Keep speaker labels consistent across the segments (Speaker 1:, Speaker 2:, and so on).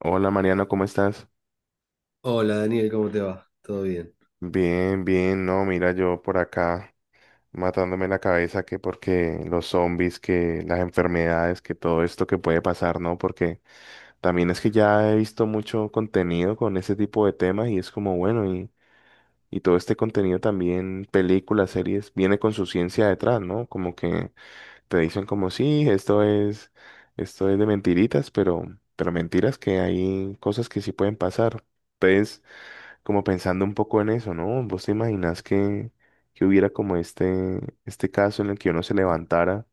Speaker 1: Hola Mariano, ¿cómo estás?
Speaker 2: Hola Daniel, ¿cómo te va? ¿Todo bien?
Speaker 1: Bien, bien, no, mira yo por acá matándome la cabeza que porque los zombies, que las enfermedades, que todo esto que puede pasar, ¿no? Porque también es que ya he visto mucho contenido con ese tipo de temas y es como, bueno, y todo este contenido también, películas, series, viene con su ciencia detrás, ¿no? Como que te dicen como, sí, esto es de mentiritas, pero mentiras que hay cosas que sí pueden pasar. Entonces, como pensando un poco en eso, ¿no? ¿Vos te imaginás que hubiera como este caso en el que uno se levantara,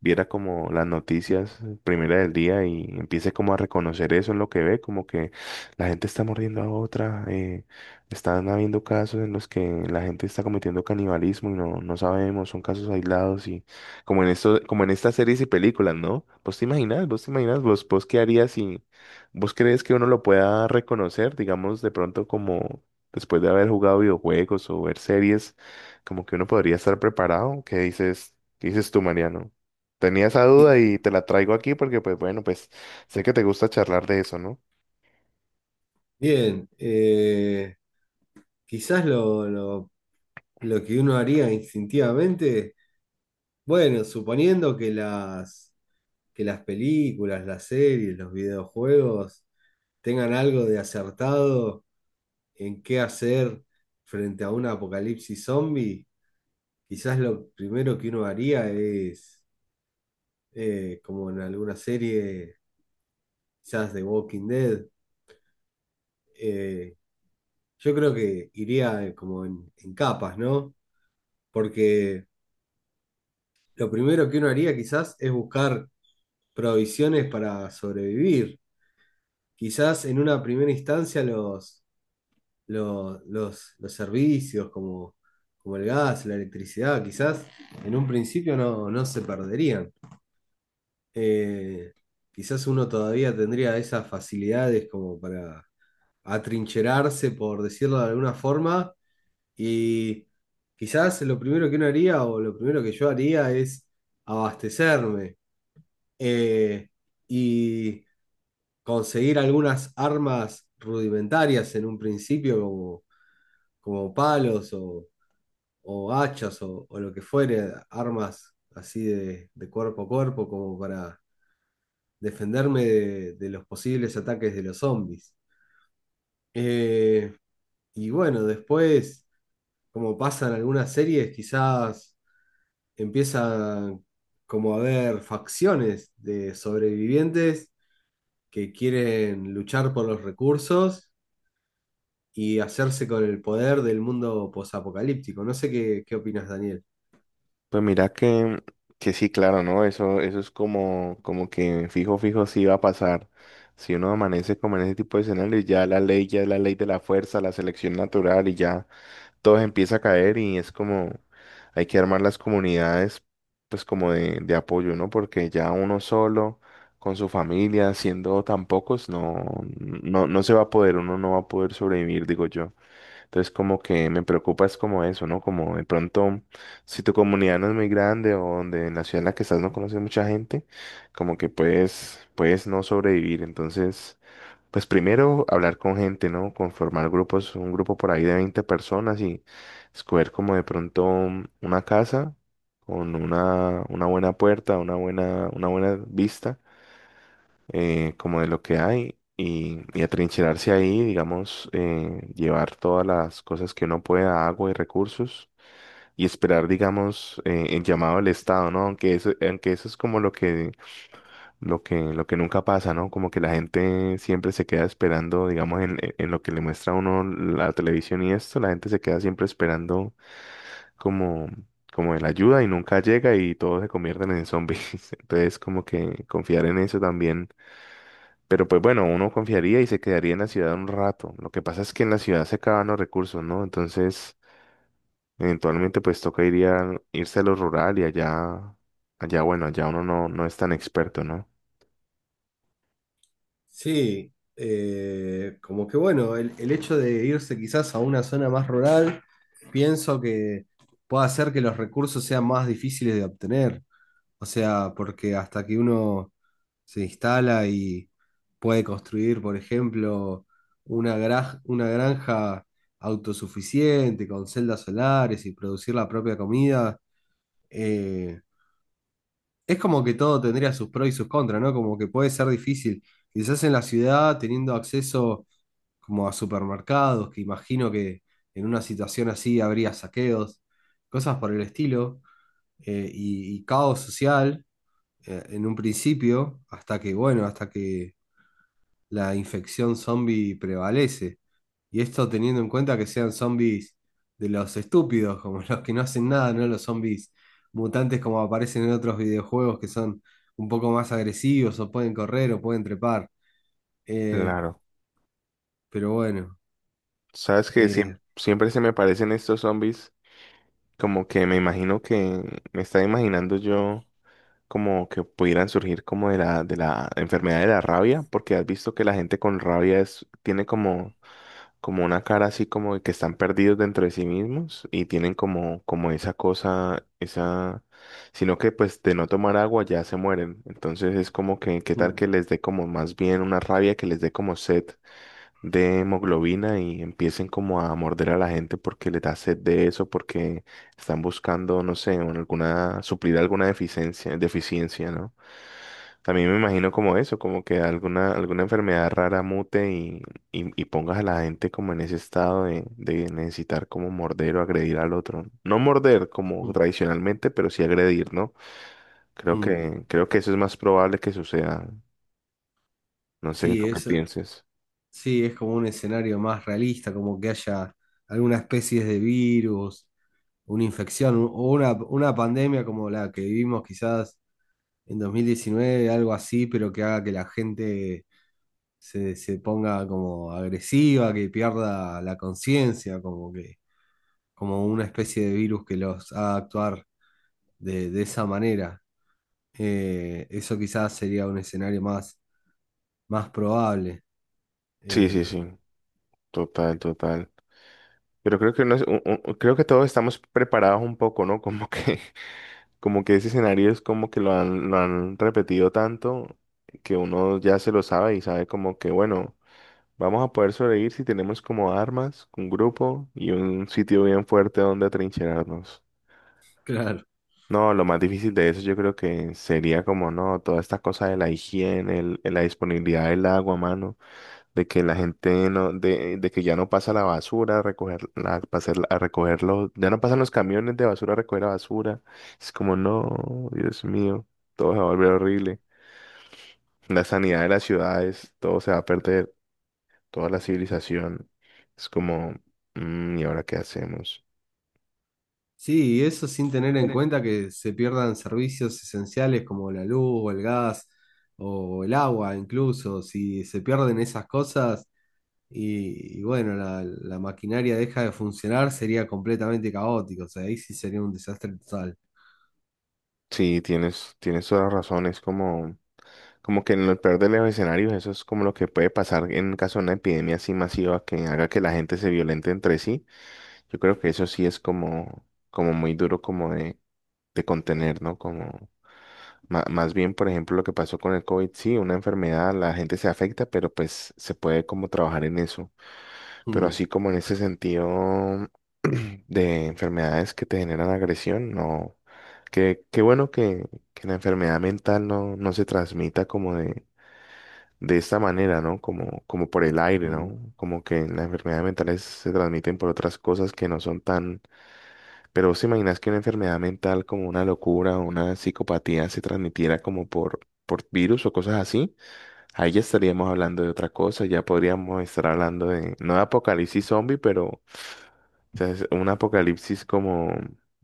Speaker 1: viera como las noticias, primera del día, y empiece como a reconocer eso en lo que ve, como que la gente está mordiendo a otra, están habiendo casos en los que la gente está cometiendo canibalismo y no, no sabemos, son casos aislados y como en esto, como en estas series y películas, ¿no? ¿Vos te imaginas? ¿Vos te imaginas? ¿Vos qué harías si vos crees que uno lo pueda reconocer, digamos, de pronto como después de haber jugado videojuegos o ver series, como que uno podría estar preparado? ¿Qué dices? ¿Qué dices tú, Mariano? Tenía esa duda
Speaker 2: Qui-
Speaker 1: y te la traigo aquí porque, pues bueno, pues sé que te gusta charlar de eso, ¿no?
Speaker 2: Bien. Quizás lo que uno haría instintivamente, bueno, suponiendo que las películas, las series, los videojuegos tengan algo de acertado en qué hacer frente a un apocalipsis zombie, quizás lo primero que uno haría es, como en alguna serie, quizás de Walking Dead, eh, yo creo que iría, como en capas, ¿no? Porque lo primero que uno haría quizás es buscar provisiones para sobrevivir. Quizás en una primera instancia los servicios como, como el gas, la electricidad, quizás en un principio no se perderían. Eh, Quizás uno todavía tendría esas facilidades como para atrincherarse, por decirlo de alguna forma. Y quizás lo primero que uno haría o lo primero que yo haría es abastecerme, eh, y conseguir algunas armas rudimentarias en un principio como, como palos o hachas o lo que fuere, armas así de cuerpo a cuerpo como para defenderme de los posibles ataques de los zombies. Eh, y bueno, después, como pasan algunas series, quizás empiezan como a haber facciones de sobrevivientes que quieren luchar por los recursos y hacerse con el poder del mundo posapocalíptico. No sé qué, qué opinas, Daniel.
Speaker 1: Pues mira que sí, claro, ¿no? Eso es como que fijo, fijo, sí va a pasar. Si uno amanece como en ese tipo de escenarios, ya es la ley de la fuerza, la selección natural, y ya todo empieza a caer y es como, hay que armar las comunidades, pues como de apoyo, ¿no? Porque ya uno solo, con su familia, siendo tan pocos, no, no, no se va a poder, uno no va a poder sobrevivir, digo yo. Entonces como que me preocupa es como eso, ¿no? Como de pronto, si tu comunidad no es muy grande o donde en la ciudad en la que estás no conoces mucha gente, como que puedes no sobrevivir. Entonces, pues primero hablar con gente, ¿no? Conformar grupos, un grupo por ahí de 20 personas, y escoger como de pronto una casa con una buena puerta, una buena vista, como de lo que hay, y atrincherarse ahí, digamos, llevar todas las cosas que uno pueda, agua y recursos, y esperar, digamos, el llamado del Estado, ¿no? Aunque eso es como lo que nunca pasa, ¿no? Como que la gente siempre se queda esperando, digamos, en lo que le muestra a uno la televisión, y esto, la gente se queda siempre esperando como... como de la ayuda, y nunca llega y todos se convierten en zombies. Entonces, como que confiar en eso también, pero pues bueno, uno confiaría y se quedaría en la ciudad un rato. Lo que pasa es que en la ciudad se acaban los recursos, ¿no? Entonces, eventualmente pues toca irse a lo rural, y bueno, allá uno no, no es tan experto, ¿no?
Speaker 2: Sí, como que bueno, el hecho de irse quizás a una zona más rural, pienso que puede hacer que los recursos sean más difíciles de obtener. O sea, porque hasta que uno se instala y puede construir, por ejemplo, una una granja autosuficiente con celdas solares y producir la propia comida, eh, es como que todo tendría sus pros y sus contras, ¿no? Como que puede ser difícil. Quizás en la ciudad, teniendo acceso como a supermercados, que imagino que en una situación así habría saqueos, cosas por el estilo, y caos social, en un principio, hasta que, bueno, hasta que la infección zombie prevalece. Y esto teniendo en cuenta que sean zombies de los estúpidos, como los que no hacen nada, no los zombies mutantes como aparecen en otros videojuegos que son un poco más agresivos o pueden correr o pueden trepar. Eh,
Speaker 1: Claro.
Speaker 2: pero bueno,
Speaker 1: Sabes que siempre,
Speaker 2: eh,
Speaker 1: siempre se me parecen estos zombies, como que me imagino que me estaba imaginando yo como que pudieran surgir como de la enfermedad de la rabia, porque has visto que la gente con rabia es, tiene como una cara así como de que están perdidos dentro de sí mismos y tienen como esa cosa, sino que pues de no tomar agua ya se mueren. Entonces es como que, ¿qué tal
Speaker 2: mm,
Speaker 1: que les dé como más bien una rabia, que les dé como sed de hemoglobina y empiecen como a morder a la gente porque les da sed de eso, porque están buscando, no sé, suplir alguna deficiencia, ¿no? También me imagino como eso, como que alguna enfermedad rara mute y pongas a la gente como en ese estado de necesitar como morder o agredir al otro. No morder como
Speaker 2: mm,
Speaker 1: tradicionalmente, pero sí agredir, ¿no? Creo
Speaker 2: mm.
Speaker 1: que, creo que eso es más probable que suceda. No sé
Speaker 2: Sí,
Speaker 1: tú qué pienses.
Speaker 2: sí, es como un escenario más realista, como que haya alguna especie de virus, una o una pandemia como la que vivimos quizás en 2019, algo así, pero que haga que la gente se ponga como agresiva, que pierda la conciencia, como que, como una especie de virus que los haga actuar de esa manera. Eso quizás sería un escenario más, más probable.
Speaker 1: Sí, sí,
Speaker 2: Eh,
Speaker 1: sí. Total, total. Pero creo que todos estamos preparados un poco, ¿no? Como que, como que ese escenario es como que lo han repetido tanto que uno ya se lo sabe y sabe como que, bueno. Vamos a poder sobrevivir si tenemos como armas, un grupo y un sitio bien fuerte donde atrincherarnos.
Speaker 2: claro.
Speaker 1: No, lo más difícil de eso yo creo que sería como, no, toda esta cosa de la higiene, la disponibilidad del agua, mano, de que la gente no, de que ya no pasa la basura a recoger, a recogerlo, ya no pasan los camiones de basura a recoger la basura. Es como, no, Dios mío, todo se va a volver horrible. La sanidad de las ciudades, todo se va a perder. Toda la civilización. Es como, "Mm, ¿y ahora qué hacemos?"
Speaker 2: Sí, y eso sin tener en
Speaker 1: Bueno.
Speaker 2: cuenta que se pierdan servicios esenciales como la luz o el gas o el agua, incluso. Si se pierden esas cosas, y bueno, la maquinaria deja de funcionar, sería completamente caótico, o sea, ahí sí sería un desastre total.
Speaker 1: Sí, tienes toda la razón. Es como que en el peor de los escenarios, eso es como lo que puede pasar en caso de una epidemia así masiva que haga que la gente se violente entre sí. Yo creo que eso sí es como muy duro como de contener, ¿no? Como más bien, por ejemplo, lo que pasó con el COVID, sí, una enfermedad, la gente se afecta, pero pues se puede como trabajar en eso. Pero
Speaker 2: Mm,
Speaker 1: así como en ese sentido de enfermedades que te generan agresión, no. Qué bueno que la enfermedad mental no, no se transmita como de esta manera, ¿no? Como por el aire,
Speaker 2: mm,
Speaker 1: ¿no? Como que las enfermedades mentales se transmiten por otras cosas que no son tan. Pero ¿vos te imaginas que una enfermedad mental como una locura o una psicopatía se transmitiera como por virus o cosas así? Ahí ya estaríamos hablando de otra cosa, ya podríamos estar hablando no de apocalipsis zombie, pero o sea, es un apocalipsis como,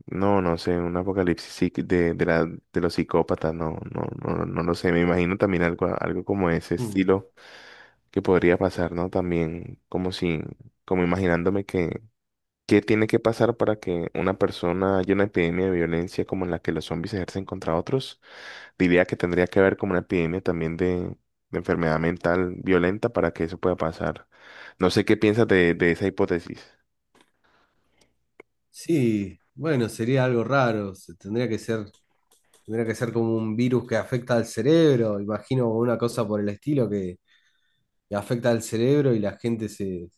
Speaker 1: no, no sé, un apocalipsis de los psicópatas, no, no, no, no lo sé. Me imagino también algo como ese
Speaker 2: mm.
Speaker 1: estilo que podría pasar, ¿no? También como si, como imaginándome que, ¿qué tiene que pasar para que una persona haya una epidemia de violencia como en la que los zombies ejercen contra otros? Diría que tendría que haber como una epidemia también de enfermedad mental violenta para que eso pueda pasar. No sé qué piensas de esa hipótesis.
Speaker 2: Sí, bueno, sería algo raro, tendría que ser como un virus que afecta al cerebro, imagino una cosa por el estilo que afecta al cerebro y la gente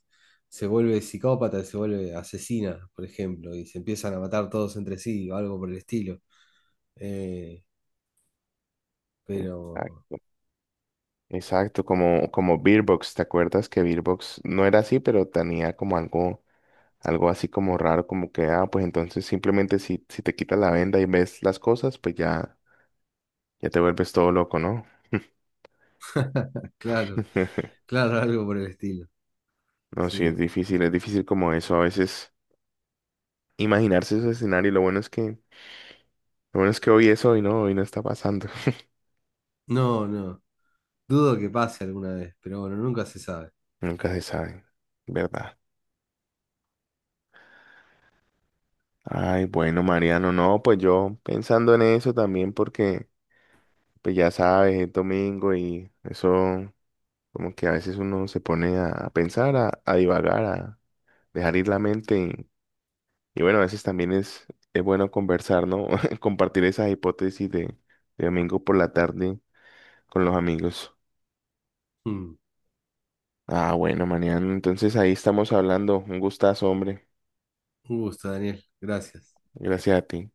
Speaker 2: se vuelve psicópata, se vuelve asesina, por ejemplo, y se empiezan a matar todos entre sí o algo por el estilo. Eh, pero...
Speaker 1: Exacto, como Beerbox, ¿te acuerdas que Beerbox no era así, pero tenía como algo así como raro, como que, ah, pues entonces simplemente si te quitas la venda y ves las cosas, pues ya te vuelves todo loco, ¿no?
Speaker 2: Claro, claro, algo por el estilo.
Speaker 1: No, sí,
Speaker 2: Sí.
Speaker 1: es difícil como eso, a veces imaginarse ese escenario. Lo bueno es que hoy es hoy, ¿no? Hoy no está pasando.
Speaker 2: No, no. Dudo que pase alguna vez, pero bueno, nunca se sabe.
Speaker 1: Nunca se sabe, ¿verdad? Ay, bueno, Mariano, no, pues yo pensando en eso también porque pues ya sabes, es domingo y eso como que a veces uno se pone a pensar, a divagar, a dejar ir la mente y bueno, a veces también es bueno conversar, ¿no? Compartir esas hipótesis de domingo por la tarde con los amigos.
Speaker 2: Mm.
Speaker 1: Ah, bueno, mañana, entonces ahí estamos hablando. Un gustazo, hombre.
Speaker 2: Un gusto, Daniel. Gracias.
Speaker 1: Gracias a ti.